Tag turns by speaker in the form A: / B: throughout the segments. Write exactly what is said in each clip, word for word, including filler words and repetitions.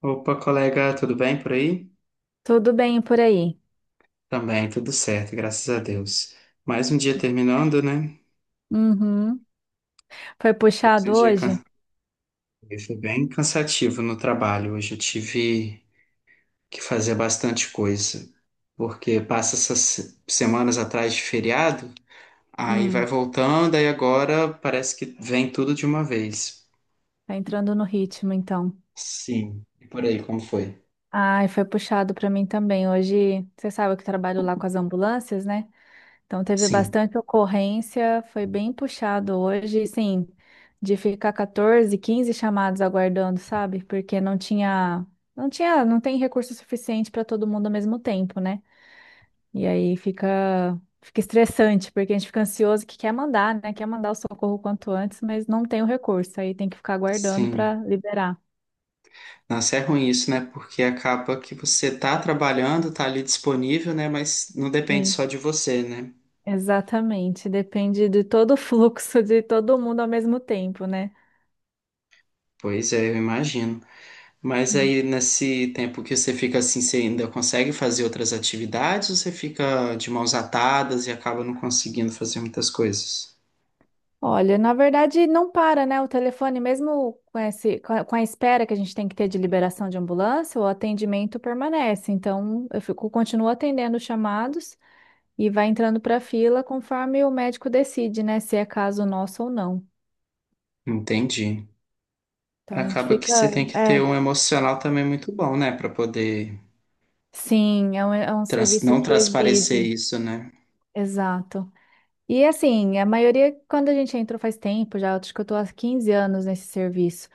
A: Opa, colega, tudo bem por aí?
B: Tudo bem por aí?
A: Também, tudo certo, graças a Deus. Mais um dia terminando, né?
B: Uhum. Foi
A: Mais um
B: puxado
A: dia
B: hoje?
A: can- Foi bem cansativo no trabalho. Hoje eu tive que fazer bastante coisa, porque passa essas se- semanas atrás de feriado, aí vai
B: Hum.
A: voltando, aí agora parece que vem tudo de uma vez.
B: Tá entrando no ritmo, então.
A: Sim. E por aí, como foi?
B: Ai, foi puxado pra mim também. Hoje, você sabe que eu trabalho lá com as ambulâncias, né? Então teve
A: Sim,
B: bastante ocorrência, foi bem puxado hoje, sim, de ficar quatorze, quinze chamados aguardando, sabe? Porque não tinha, não tinha, não tem recurso suficiente para todo mundo ao mesmo tempo, né? E aí fica, fica estressante, porque a gente fica ansioso que quer mandar, né? Quer mandar o socorro quanto antes, mas não tem o recurso. Aí tem que ficar aguardando para
A: sim.
B: liberar.
A: Nossa, é ruim isso, né? Porque acaba que você tá trabalhando, tá ali disponível, né? Mas não depende
B: Sim.
A: só de você, né?
B: Exatamente. Depende de todo o fluxo de todo mundo ao mesmo tempo, né?
A: Pois é, eu imagino. Mas
B: Hum.
A: aí, nesse tempo que você fica assim, você ainda consegue fazer outras atividades ou você fica de mãos atadas e acaba não conseguindo fazer muitas coisas?
B: Olha, na verdade não para, né? O telefone, mesmo com esse, com a com a espera que a gente tem que ter de liberação de ambulância, o atendimento permanece. Então, eu fico, continuo atendendo os chamados. E vai entrando para a fila conforme o médico decide, né, se é caso nosso ou não.
A: Entendi.
B: Então a gente
A: Acaba que
B: fica,
A: você tem que ter
B: é,
A: um emocional também muito bom, né? Pra poder
B: sim, é um, é um
A: trans-
B: serviço
A: não
B: que
A: transparecer
B: exige,
A: isso, né?
B: exato. E assim, a maioria, quando a gente entrou faz tempo já, acho que eu tô há quinze anos nesse serviço.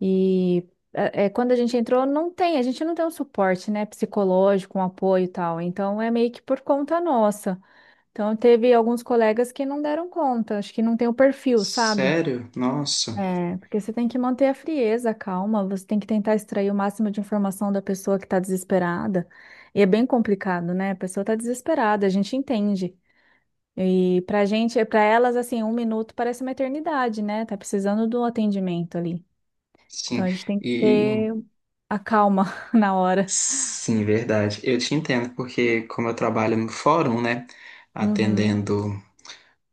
B: E é, é, quando a gente entrou, não tem, a gente não tem um suporte, né, psicológico, um apoio e tal. Então é meio que por conta nossa. Então teve alguns colegas que não deram conta, acho que não tem o perfil, sabe?
A: Sério? Nossa.
B: É, porque você tem que manter a frieza, a calma, você tem que tentar extrair o máximo de informação da pessoa que está desesperada. E é bem complicado, né? A pessoa está desesperada, a gente entende. E pra gente, é, pra elas, assim, um minuto parece uma eternidade, né? Tá precisando do atendimento ali. Então
A: Sim.
B: a gente tem que
A: E
B: ter a calma na hora.
A: Sim, verdade. Eu te entendo, porque como eu trabalho no fórum, né,
B: Uhum.
A: atendendo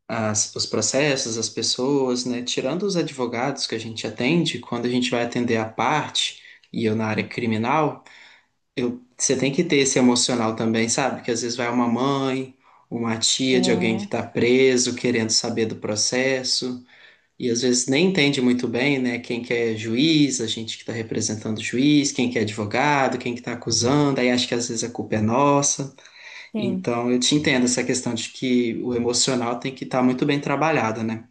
A: as, os processos, as pessoas, né, tirando os advogados que a gente atende, quando a gente vai atender a parte, e eu na área
B: Uhum.
A: criminal, eu, você tem que ter esse emocional também, sabe? Que às vezes vai uma mãe, uma tia de alguém que
B: É,
A: está preso, querendo saber do processo. E às vezes nem entende muito bem, né, quem que é juiz, a gente que está representando o juiz, quem que é advogado, quem que está acusando, aí acha que às vezes a culpa é nossa.
B: sim.
A: Então eu te entendo essa questão de que o emocional tem que estar muito bem trabalhado, né?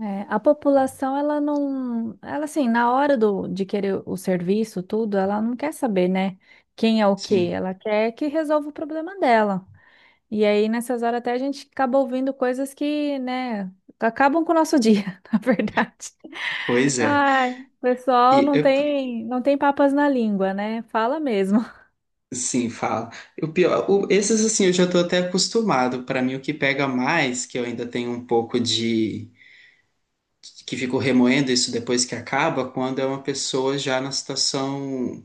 B: É, a população, ela não, ela assim, na hora do, de querer o serviço, tudo, ela não quer saber, né, quem é o quê,
A: Sim,
B: ela quer que resolva o problema dela. E aí, nessas horas, até a gente acaba ouvindo coisas que, né, acabam com o nosso dia, na verdade.
A: pois é.
B: Ai, o pessoal
A: E
B: não
A: eu-
B: tem, não tem papas na língua, né, fala mesmo.
A: sim, fala. O pior, o- esses assim eu já estou até acostumado. Para mim o que pega mais, que eu ainda tenho um pouco de que fico remoendo isso depois que acaba, quando é uma pessoa já na situação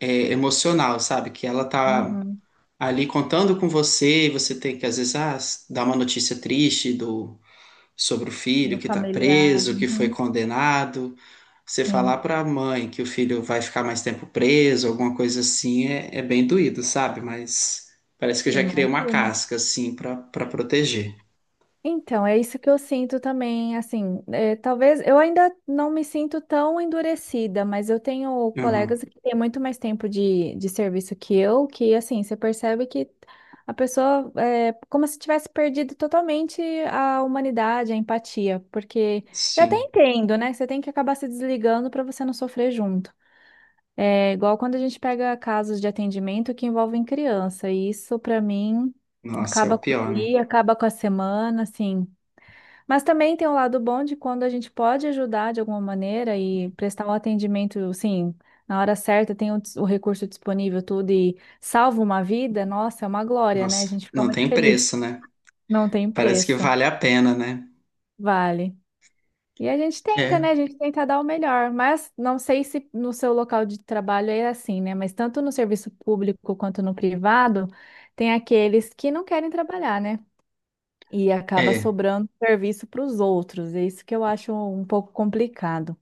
A: é, emocional, sabe? Que ela tá
B: Uhum,
A: ali contando com você e você tem que, às vezes, ah, dar uma notícia triste do, sobre o filho
B: no
A: que tá
B: familiar,
A: preso, que foi
B: uhum,
A: condenado. Você falar
B: sim,
A: pra mãe que o filho vai ficar mais tempo preso, alguma coisa assim, é, é bem doído, sabe? Mas parece que eu já criei uma
B: imagino.
A: casca, assim, pra, pra proteger.
B: Então, é isso que eu sinto também, assim, é, talvez eu ainda não me sinto tão endurecida, mas eu tenho
A: Uhum,
B: colegas que têm muito mais tempo de, de serviço que eu, que assim, você percebe que a pessoa é como se tivesse perdido totalmente a humanidade, a empatia, porque eu até
A: sim.
B: entendo, né? Você tem que acabar se desligando para você não sofrer junto. É igual quando a gente pega casos de atendimento que envolvem criança, e isso para mim
A: Nossa, é o
B: acaba com o
A: pior, né?
B: dia, acaba com a semana, assim. Mas também tem o lado bom de quando a gente pode ajudar de alguma maneira e prestar um atendimento, assim, na hora certa, tem o, dis- o recurso disponível, tudo, e salva uma vida, nossa, é uma glória, né? A
A: Nossa,
B: gente fica
A: não
B: muito
A: tem
B: feliz.
A: preço, né?
B: Não tem
A: Parece que
B: preço,
A: vale a pena, né?
B: vale. E a gente tenta,
A: É,
B: né? A gente tenta dar o melhor, mas não sei se no seu local de trabalho é assim, né? Mas tanto no serviço público quanto no privado, tem aqueles que não querem trabalhar, né? E acaba
A: é,
B: sobrando serviço para os outros. É isso que eu acho um pouco complicado.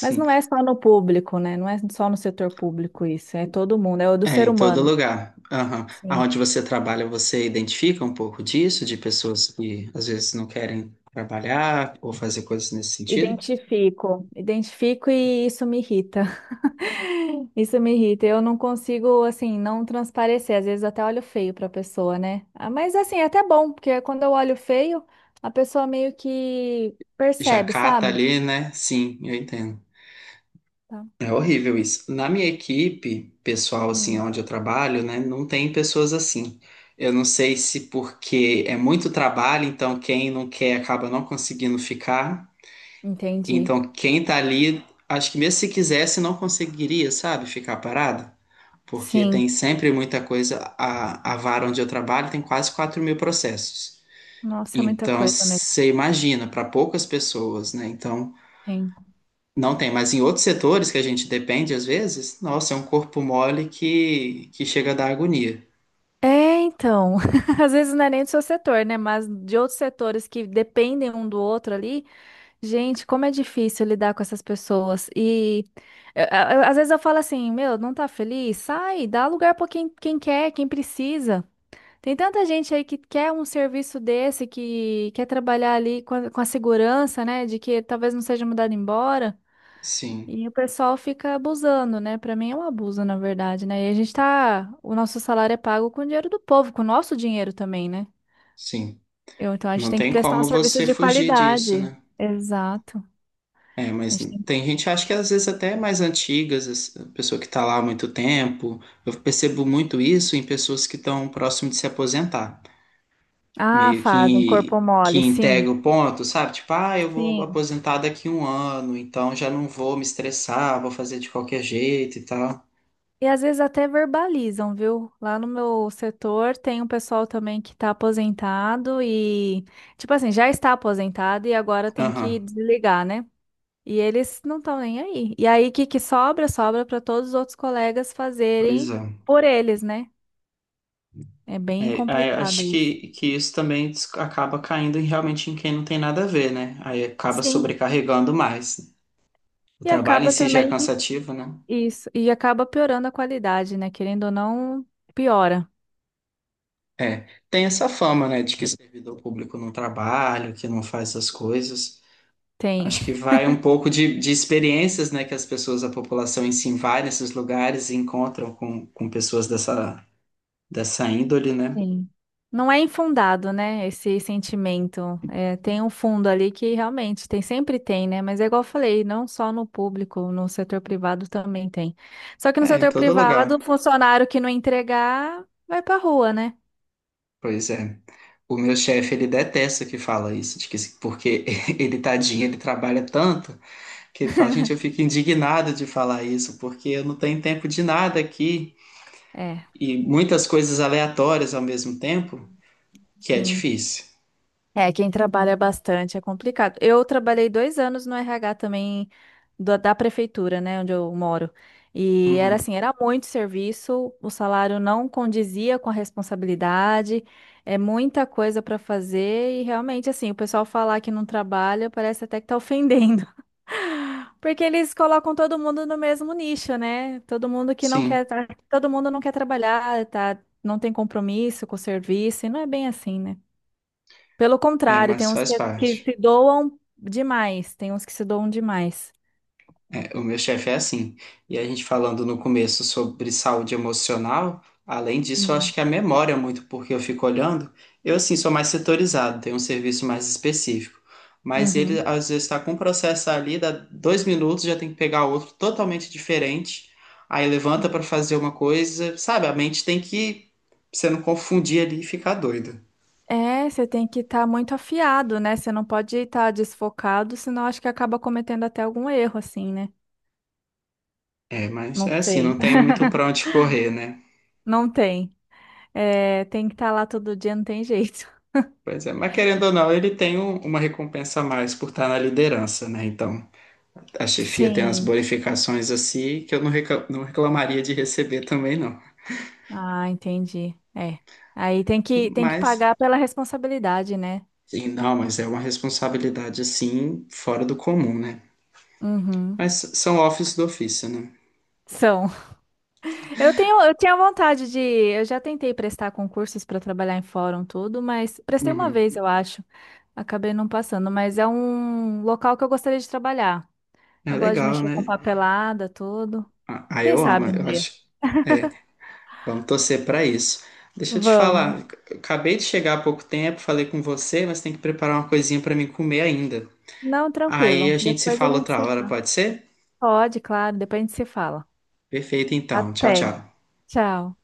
B: Mas não é só no público, né? Não é só no setor público isso, é todo mundo, é o do
A: É,
B: ser
A: em todo
B: humano.
A: lugar. Aham.
B: Sim.
A: Aonde você trabalha, você identifica um pouco disso, de pessoas que às vezes não querem trabalhar ou fazer coisas nesse sentido?
B: Identifico, identifico e isso me irrita. Isso me irrita. Eu não consigo, assim, não transparecer. Às vezes até olho feio para a pessoa, né? Ah, mas, assim, é até bom, porque quando eu olho feio, a pessoa meio que
A: Já
B: percebe,
A: cata
B: sabe?
A: ali, né? Sim, eu entendo.
B: Tá.
A: É horrível isso. Na minha equipe, pessoal, assim,
B: Hum.
A: onde eu trabalho, né, não tem pessoas assim. Eu não sei se porque é muito trabalho, então quem não quer acaba não conseguindo ficar.
B: Entendi.
A: Então, quem tá ali, acho que mesmo se quisesse, não conseguiria, sabe, ficar parado. Porque tem
B: Sim.
A: sempre muita coisa. A, a vara onde eu trabalho tem quase quatro mil processos.
B: Nossa, é muita
A: Então,
B: coisa mesmo.
A: você imagina, para poucas pessoas, né? Então,
B: Sim.
A: não tem. Mas em outros setores que a gente depende, às vezes, nossa, é um corpo mole que, que chega a dar agonia.
B: É, então. Às vezes não é nem do seu setor, né? Mas de outros setores que dependem um do outro ali. Gente, como é difícil lidar com essas pessoas. E eu- eu- às vezes eu falo assim: meu, não tá feliz? Sai, dá lugar pra quem, quem quer, quem precisa. Tem tanta gente aí que quer um serviço desse, que quer trabalhar ali com a, com a segurança, né? De que talvez não seja mudado embora.
A: Sim,
B: E o pessoal fica abusando, né? Pra mim é um abuso, na verdade, né? E a gente tá. O nosso salário é pago com o dinheiro do povo, com o nosso dinheiro também, né?
A: sim.
B: Eu- então a gente
A: Não
B: tem que
A: tem
B: prestar um
A: como
B: serviço
A: você
B: de
A: fugir disso,
B: qualidade.
A: né?
B: Exato.
A: É,
B: A
A: mas
B: gente tem-
A: tem gente, acho que às vezes até é mais antigas, as- a pessoa que está lá há muito tempo. Eu percebo muito isso em pessoas que estão próximo de se aposentar.
B: Ah,
A: Meio
B: fazem corpo
A: que, que
B: mole, sim.
A: integra o ponto, sabe? Tipo, ah, eu vou
B: Sim.
A: aposentar daqui um ano, então já não vou me estressar, vou fazer de qualquer jeito e tal.
B: E às vezes até verbalizam, viu? Lá no meu setor tem um pessoal também que tá aposentado e, tipo assim, já está aposentado e agora tem que
A: Aham,
B: desligar, né? E eles não estão nem aí. E aí, o que que sobra? Sobra para todos os outros colegas
A: pois
B: fazerem
A: é.
B: por eles, né? É bem
A: É, é,
B: complicado
A: acho
B: isso.
A: que, que isso também des- acaba caindo em- realmente em quem não tem nada a ver, né? Aí acaba
B: Sim,
A: sobrecarregando mais. O
B: e
A: trabalho em
B: acaba
A: si já é
B: também
A: cansativo, né?
B: isso, e acaba piorando a qualidade, né? Querendo ou não, piora.
A: É, tem essa fama, né, de que servidor público não trabalha, que não faz essas coisas.
B: Tem,
A: Acho que vai um pouco de, de experiências, né, que as pessoas, a população em si vai nesses lugares e encontram com, com pessoas dessa, dessa índole, né?
B: tem. Não é infundado, né? Esse sentimento. É, tem um fundo ali que realmente tem, sempre tem, né? Mas é igual eu falei, não só no público, no setor privado também tem. Só que no
A: É, em
B: setor
A: todo
B: privado, o
A: lugar.
B: funcionário que não entregar vai pra rua, né?
A: Pois é. O meu chefe, ele detesta que fala isso, de que, porque ele, tadinho, ele trabalha tanto, que ele fala, gente, eu fico indignado de falar isso, porque eu não tenho tempo de nada aqui,
B: É,
A: e muitas coisas aleatórias ao mesmo tempo. Que é
B: sim.
A: difícil.
B: É, quem trabalha bastante é complicado. Eu trabalhei dois anos no R H também da da prefeitura, né, onde eu moro. E era
A: Uhum.
B: assim, era muito serviço, o salário não condizia com a responsabilidade, é muita coisa para fazer e realmente assim, o pessoal falar que não trabalha parece até que tá ofendendo. Porque eles colocam todo mundo no mesmo nicho, né? Todo mundo que não quer,
A: Sim,
B: tra- todo mundo não quer trabalhar, tá? Não tem compromisso com o serviço, e não é bem assim, né? Pelo
A: é,
B: contrário, tem
A: mas
B: uns
A: faz
B: que, que
A: parte.
B: se doam demais. Tem uns que se doam demais.
A: É, o meu chefe é assim. E a gente falando no começo sobre saúde emocional, além disso, eu acho
B: Hum,
A: que a memória é muito, porque eu fico olhando. Eu, assim, sou mais setorizado, tenho um serviço mais específico. Mas ele,
B: uhum.
A: às vezes, está com um processo ali, dá dois minutos, já tem que pegar outro totalmente diferente. Aí levanta
B: Hum.
A: para fazer uma coisa, sabe? A mente tem que, pra você não confundir ali e ficar doida.
B: É, você tem que estar muito afiado, né? Você não pode estar desfocado, senão acho que acaba cometendo até algum erro, assim, né?
A: É, mas
B: Não
A: é assim,
B: sei.
A: não tem muito pra onde correr, né?
B: Não tem. É, tem que estar lá todo dia, não tem jeito.
A: Pois é, mas querendo ou não, ele tem um- uma recompensa a mais por estar na liderança, né? Então, a chefia tem umas
B: Sim.
A: bonificações assim que eu não reca- não reclamaria de receber também, não.
B: Ah, entendi. É. Aí tem que, tem que,
A: Mas,
B: pagar pela responsabilidade, né?
A: sim, não, mas é uma responsabilidade assim, fora do comum, né?
B: Uhum.
A: Mas são office do ofício, né?
B: São. Eu tenho, eu tinha vontade de. Eu já tentei prestar concursos para trabalhar em fórum, tudo, mas prestei uma
A: Uhum.
B: vez, eu acho. Acabei não passando, mas é um local que eu gostaria de trabalhar.
A: É
B: Eu gosto de
A: legal,
B: mexer com
A: né?
B: papelada, tudo.
A: Ah, ah,
B: Quem
A: eu amo,
B: sabe um
A: eu
B: dia?
A: acho. É, vamos torcer para isso. Deixa eu te
B: Vamos.
A: falar, eu acabei de chegar há pouco tempo, falei com você, mas tem que preparar uma coisinha para mim comer ainda.
B: Não,
A: Aí
B: tranquilo.
A: a gente se
B: Depois a
A: fala
B: gente
A: outra
B: se
A: hora,
B: fala.
A: pode ser?
B: Pode, claro, depois a gente se fala.
A: Perfeito, então. Tchau,
B: Até.
A: tchau.
B: Tchau.